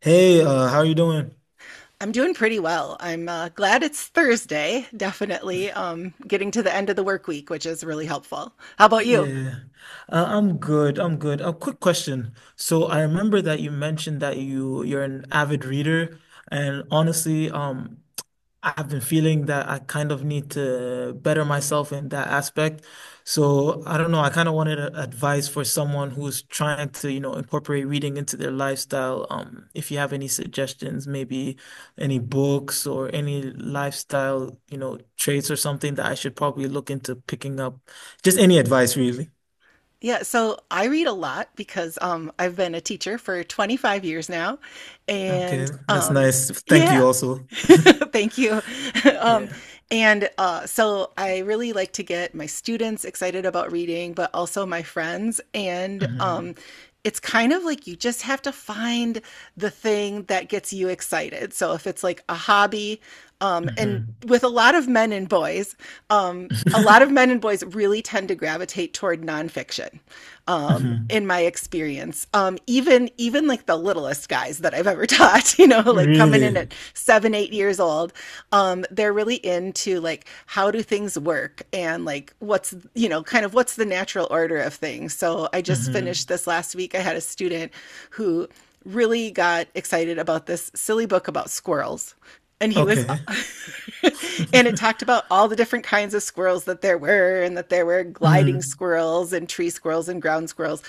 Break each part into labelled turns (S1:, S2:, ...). S1: Hey, how are you doing?
S2: I'm doing pretty well. I'm glad it's Thursday, definitely. Getting to the end of the work week, which is really helpful. How
S1: Yeah,
S2: about
S1: yeah,
S2: you?
S1: yeah. I'm good. I'm good. A quick question. So I remember that you mentioned that you're an avid reader, and honestly, I've been feeling that I kind of need to better myself in that aspect. So I don't know. I kind of advice for someone who's trying to incorporate reading into their lifestyle. If you have any suggestions, maybe any books or any lifestyle traits or something that I should probably look into picking up. Just any advice, really.
S2: Yeah, so I read a lot because I've been a teacher for 25 years now. And
S1: Okay, that's nice. Thank
S2: yeah,
S1: you also.
S2: Thank you. Um,
S1: Yeah.
S2: and So I really like to get my students excited about reading, but also my friends. And
S1: Hmm.
S2: it's kind of like you just have to find the thing that gets you excited. So if it's like a hobby, and
S1: Hmm.
S2: with a lot of men and boys, a lot of men and boys really tend to gravitate toward nonfiction.
S1: hmm.
S2: In my experience. Even like the littlest guys that I've ever taught, you know, like coming in
S1: Really?
S2: at 7, 8 years old, they're really into like how do things work and like what's you know kind of what's the natural order of things. So I just finished
S1: Hmm.
S2: this last week. I had a student who really got excited about this silly book about squirrels. And he was,
S1: Okay.
S2: and it talked about all the different kinds of squirrels that there were, and that there were gliding
S1: Mm.
S2: squirrels and tree squirrels and ground squirrels.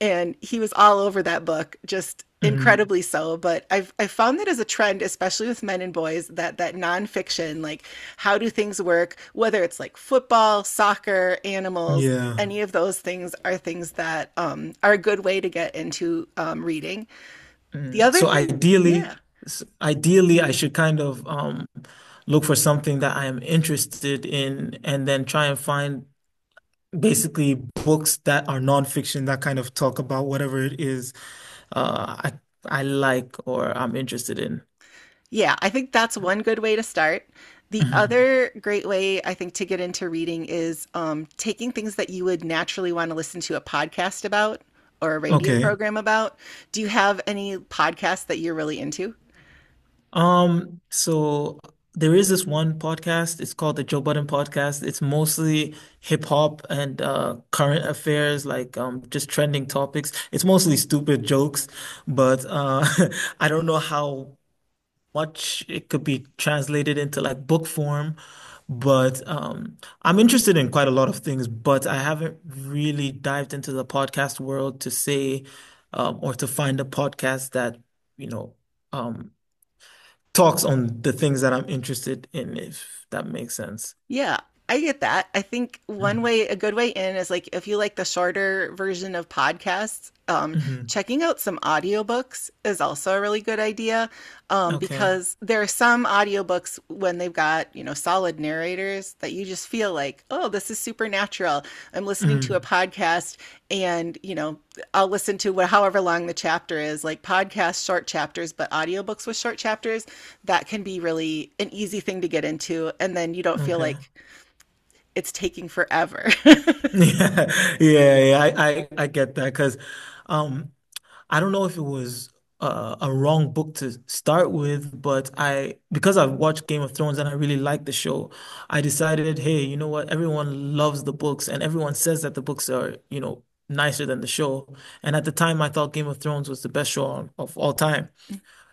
S2: And he was all over that book, just
S1: Mm,
S2: incredibly so. But I've found that as a trend, especially with men and boys, that nonfiction, like how do things work, whether it's like football, soccer, animals,
S1: yeah.
S2: any of those things are things that are a good way to get into reading the
S1: Mm.
S2: other
S1: So
S2: thing,
S1: ideally,
S2: yeah.
S1: ideally, I should kind of look for something that I am interested in, and then try and find basically books that are nonfiction that kind of talk about whatever it is uh, I like or I'm interested in.
S2: Yeah, I think that's one good way to start. The
S1: Hmm.
S2: other great way I think to get into reading is taking things that you would naturally want to listen to a podcast about or a radio
S1: Okay.
S2: program about. Do you have any podcasts that you're really into?
S1: So there is this one podcast. It's called the Joe Budden Podcast. It's mostly hip hop and current affairs, like just trending topics. It's mostly stupid jokes, but I don't know how much it could be translated into like book form. But I'm interested in quite a lot of things, but I haven't really dived into the podcast world to say or to find a podcast that, you know, um talks on the things that I'm interested in, if that makes sense.
S2: Yeah, I get that. I think one way, a good way in is like if you like the shorter version of podcasts,
S1: Mm-hmm.
S2: checking out some audiobooks is also a really good idea
S1: Okay.
S2: because there are some audiobooks when they've got, you know, solid narrators that you just feel like, oh, this is supernatural. I'm listening to a
S1: Mm.
S2: podcast and, you know, I'll listen to however long the chapter is, like podcasts, short chapters, but audiobooks with short chapters, that can be really an easy thing to get into. And then you don't feel
S1: Okay.
S2: like, it's taking forever.
S1: Yeah, yeah, yeah. I get that because um I don't know if it was a wrong book to start with, but I because I've watched Game of Thrones and I really like the show, I decided, hey, you know what? Everyone loves the books and everyone says that the books are, you know, nicer than the show. And at the time I thought Game of Thrones was the best show on, of all time.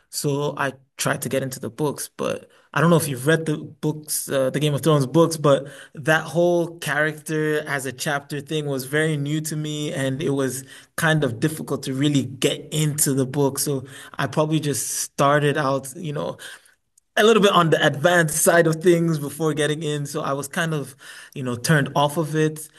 S1: So I tried to get into the books, but I don't know if you've read the books, the Game of Thrones books, but that whole character as a chapter thing was very new to me, and it was kind of difficult to really get into the book. So I probably just started out, you know, a little bit on the advanced side of things before getting in. So I was kind of, you know, turned off of it.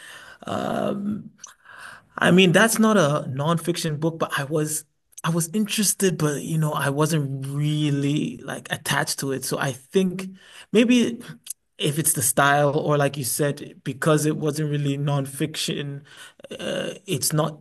S1: I mean, that's not a nonfiction book, but I was interested, but you know, I wasn't really like attached to it. So I think maybe if it's the style or like you said, because it wasn't really nonfiction, it's not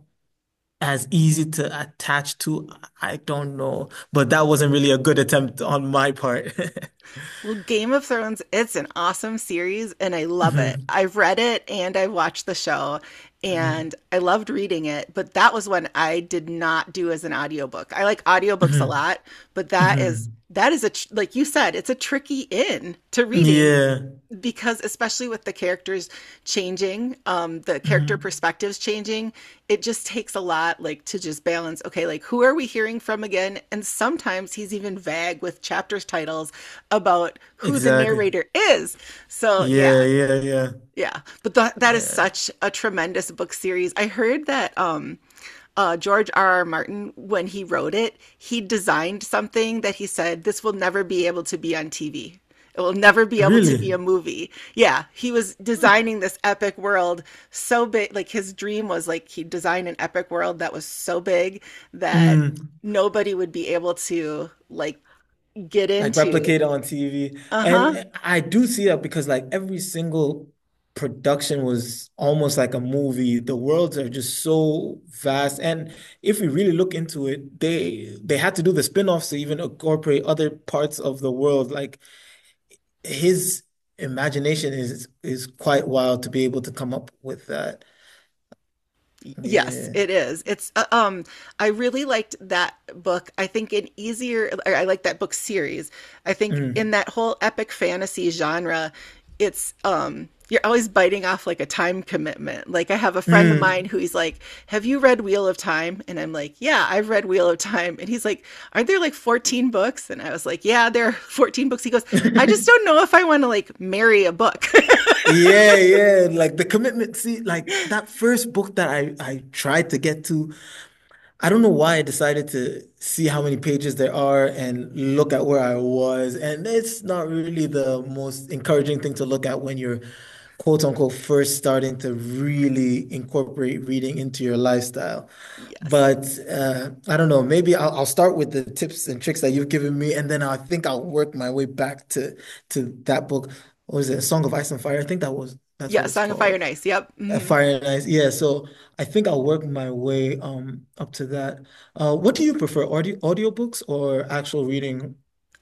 S1: as easy to attach to. I don't know, but that wasn't really a good attempt on my part.
S2: Well, Game of Thrones, it's an awesome series and I love it.
S1: hmm.
S2: I've read it and I've watched the show and
S1: Hmm.
S2: I loved reading it, but that was one I did not do as an audiobook. I like audiobooks a
S1: Hmm.
S2: lot, but that is
S1: Hmm.
S2: that is a like you said, it's a tricky in to reading
S1: Yeah.
S2: because especially with the characters changing, the character
S1: Hmm.
S2: perspectives changing, it just takes a lot, like to just balance, okay, like who are we hearing from again. And sometimes he's even vague with chapters titles about who the
S1: Exactly.
S2: narrator is, so
S1: Yeah,
S2: yeah
S1: yeah, yeah.
S2: yeah but that that is
S1: Yeah.
S2: such a tremendous book series. I heard that George R. R. Martin, when he wrote it, he designed something that he said, this will never be able to be on TV. It will never be able to be a
S1: Really?
S2: movie. Yeah, he was designing this epic world so big. Like his dream was like he designed an epic world that was so big that
S1: Mm,
S2: nobody would be able to like get
S1: like
S2: into.
S1: replicate on TV.
S2: Uh-huh.
S1: And I do see that because like every single production was almost like a movie. The worlds are just so vast. And if we really look into it, they had to do the spin-offs to even incorporate other parts of the world. Like his imagination is quite wild to be able to come up with that.
S2: Yes,
S1: Yeah.
S2: it is. It's I really liked that book. I think an easier or I like that book series. I think in
S1: Mm,
S2: that whole epic fantasy genre, it's you're always biting off like a time commitment. Like I have a friend of mine
S1: mm.
S2: who he's like, "Have you read Wheel of Time?" And I'm like, "Yeah, I've read Wheel of Time." And he's like, "Aren't there like 14 books?" And I was like, "Yeah, there are 14 books." He goes, "I just don't know if I want to like marry a book."
S1: Yeah, yeah, like the commitment. See, like that first book that I tried to get to, I don't know why I decided to see how many pages there are and look at where I was. And it's not really the most encouraging thing to look at when you're, quote unquote, first starting to really incorporate reading into your lifestyle.
S2: Yes.
S1: But I don't know, maybe I'll start with the tips and tricks that you've given me, and then I think I'll work my way back to that book. What was it? A Song of Ice and Fire? I think that's
S2: Yeah,
S1: what it's
S2: Song of Fire
S1: called.
S2: and Ice. Yep. Mhm.
S1: Yeah. So I think I'll work my way up to that. What do you prefer, audiobooks or actual reading?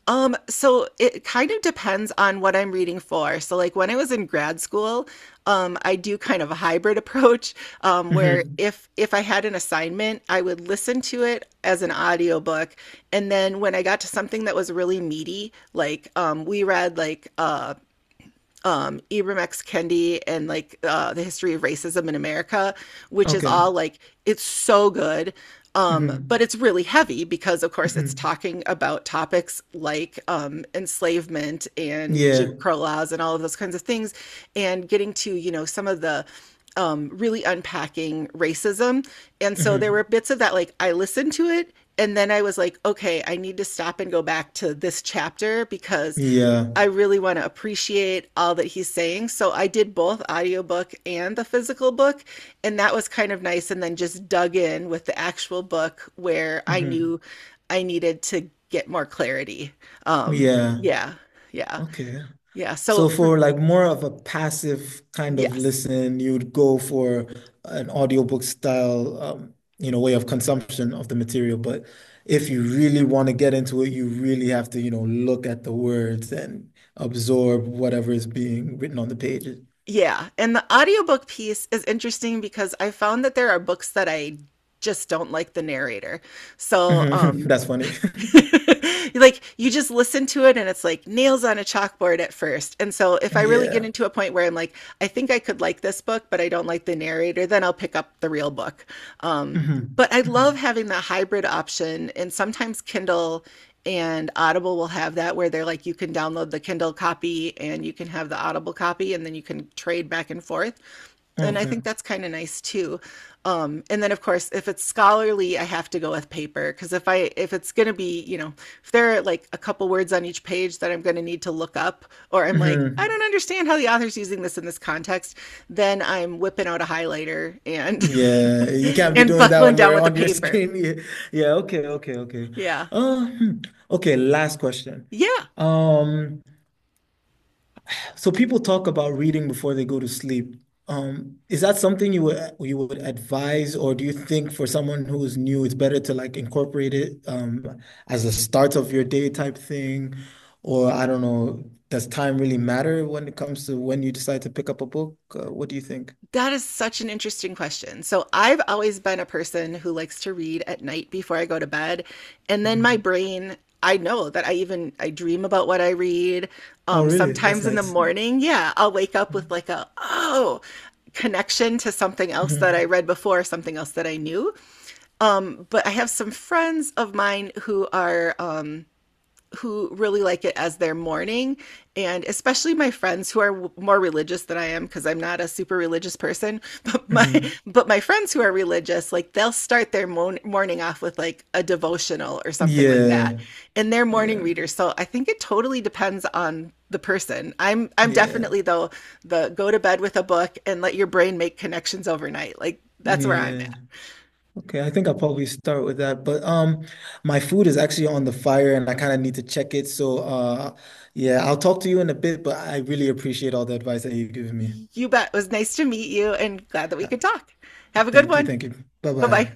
S2: So it kind of depends on what I'm reading for. So, like when I was in grad school, I do kind of a hybrid approach, where
S1: Hmm.
S2: if I had an assignment, I would listen to it as an audiobook, and then when I got to something that was really meaty, like we read like Ibram X. Kendi and like the history of racism in America, which is
S1: Okay.
S2: all like it's so good,
S1: Hmm.
S2: but it's really heavy because of course it's
S1: Hmm.
S2: talking about topics like enslavement and
S1: Yeah.
S2: Jim Crow laws and all of those kinds of things, and getting to you know some of the really unpacking racism. And so there
S1: Hmm.
S2: were bits of that, like I listened to it and then I was like, okay, I need to stop and go back to this chapter because
S1: Yeah.
S2: I really want to appreciate all that he's saying. So I did both audiobook and the physical book, and that was kind of nice and then just dug in with the actual book where I knew
S1: Hmm.
S2: I needed to get more clarity. Um
S1: Yeah.
S2: yeah. Yeah.
S1: Okay.
S2: Yeah. So
S1: So
S2: for
S1: for like more of a passive kind of
S2: yes.
S1: listen, you'd go for an audiobook style, you know, way of consumption of the material. But if you really want to get into it, you really have to, you know, look at the words and absorb whatever is being written on the pages.
S2: Yeah. And the audiobook piece is interesting because I found that there are books that I just don't like the narrator. So
S1: Mhm. That's funny.
S2: like you just listen to it and it's like nails on a chalkboard at first. And so if I really get
S1: Yeah.
S2: into a point where I'm like, I think I could like this book, but I don't like the narrator, then I'll pick up the real book. Um,
S1: Hmm.
S2: but I
S1: Hmm.
S2: love having that hybrid option. And sometimes Kindle and Audible will have that where they're like, you can download the Kindle copy and you can have the Audible copy, and then you can trade back and forth and I
S1: Okay.
S2: think that's kind of nice too. And then of course, if it's scholarly, I have to go with paper because if it's gonna be, you know, if there are like a couple words on each page that I'm gonna need to look up, or I'm like, I
S1: Hmm.
S2: don't understand how the author's using this in this context, then I'm whipping out a highlighter and
S1: Yeah, you can't be
S2: and
S1: doing that
S2: buckling
S1: on
S2: down
S1: your
S2: with the paper.
S1: screen. Yeah, yeah, okay, okay, okay.
S2: Yeah.
S1: Uh, hmm. Okay, last question.
S2: Yeah,
S1: Um, so people talk about reading before they go to sleep. Is that something you would advise, or do you think for someone who is new, it's better to like incorporate it as a start of your day type thing? Or I don't know, does time really matter when it comes to when you decide to pick up a book? What do you think?
S2: that is such an interesting question. So, I've always been a person who likes to read at night before I go to bed. And then my
S1: Mhm.
S2: brain, I know that I dream about what I read.
S1: Oh, really? That's
S2: Sometimes in the
S1: nice.
S2: morning, yeah, I'll wake up with
S1: Mm.
S2: like a oh connection to something else that I
S1: Mhm.
S2: read before, something else that I knew. But I have some friends of mine who are who really like it as their morning, and especially my friends who are more religious than I am, because I'm not a super religious person
S1: Mhm.
S2: but my friends who are religious, like they'll start their morning off with like a devotional or something like that,
S1: Yeah.
S2: and they're morning
S1: Yeah.
S2: readers. So I think it totally depends on the person. I'm
S1: Yeah.
S2: definitely though the go to bed with a book and let your brain make connections overnight, like that's where I'm at.
S1: Yeah. Okay, I think I'll probably start with that. But my food is actually on the fire and I kind of need to check it. So yeah, I'll talk to you in a bit, but I really appreciate all the advice that you've given me.
S2: You bet, it was nice to meet you and glad that we
S1: Uh,
S2: could talk. Have a good
S1: Thank you,
S2: one.
S1: thank you.
S2: Bye bye.
S1: Bye-bye.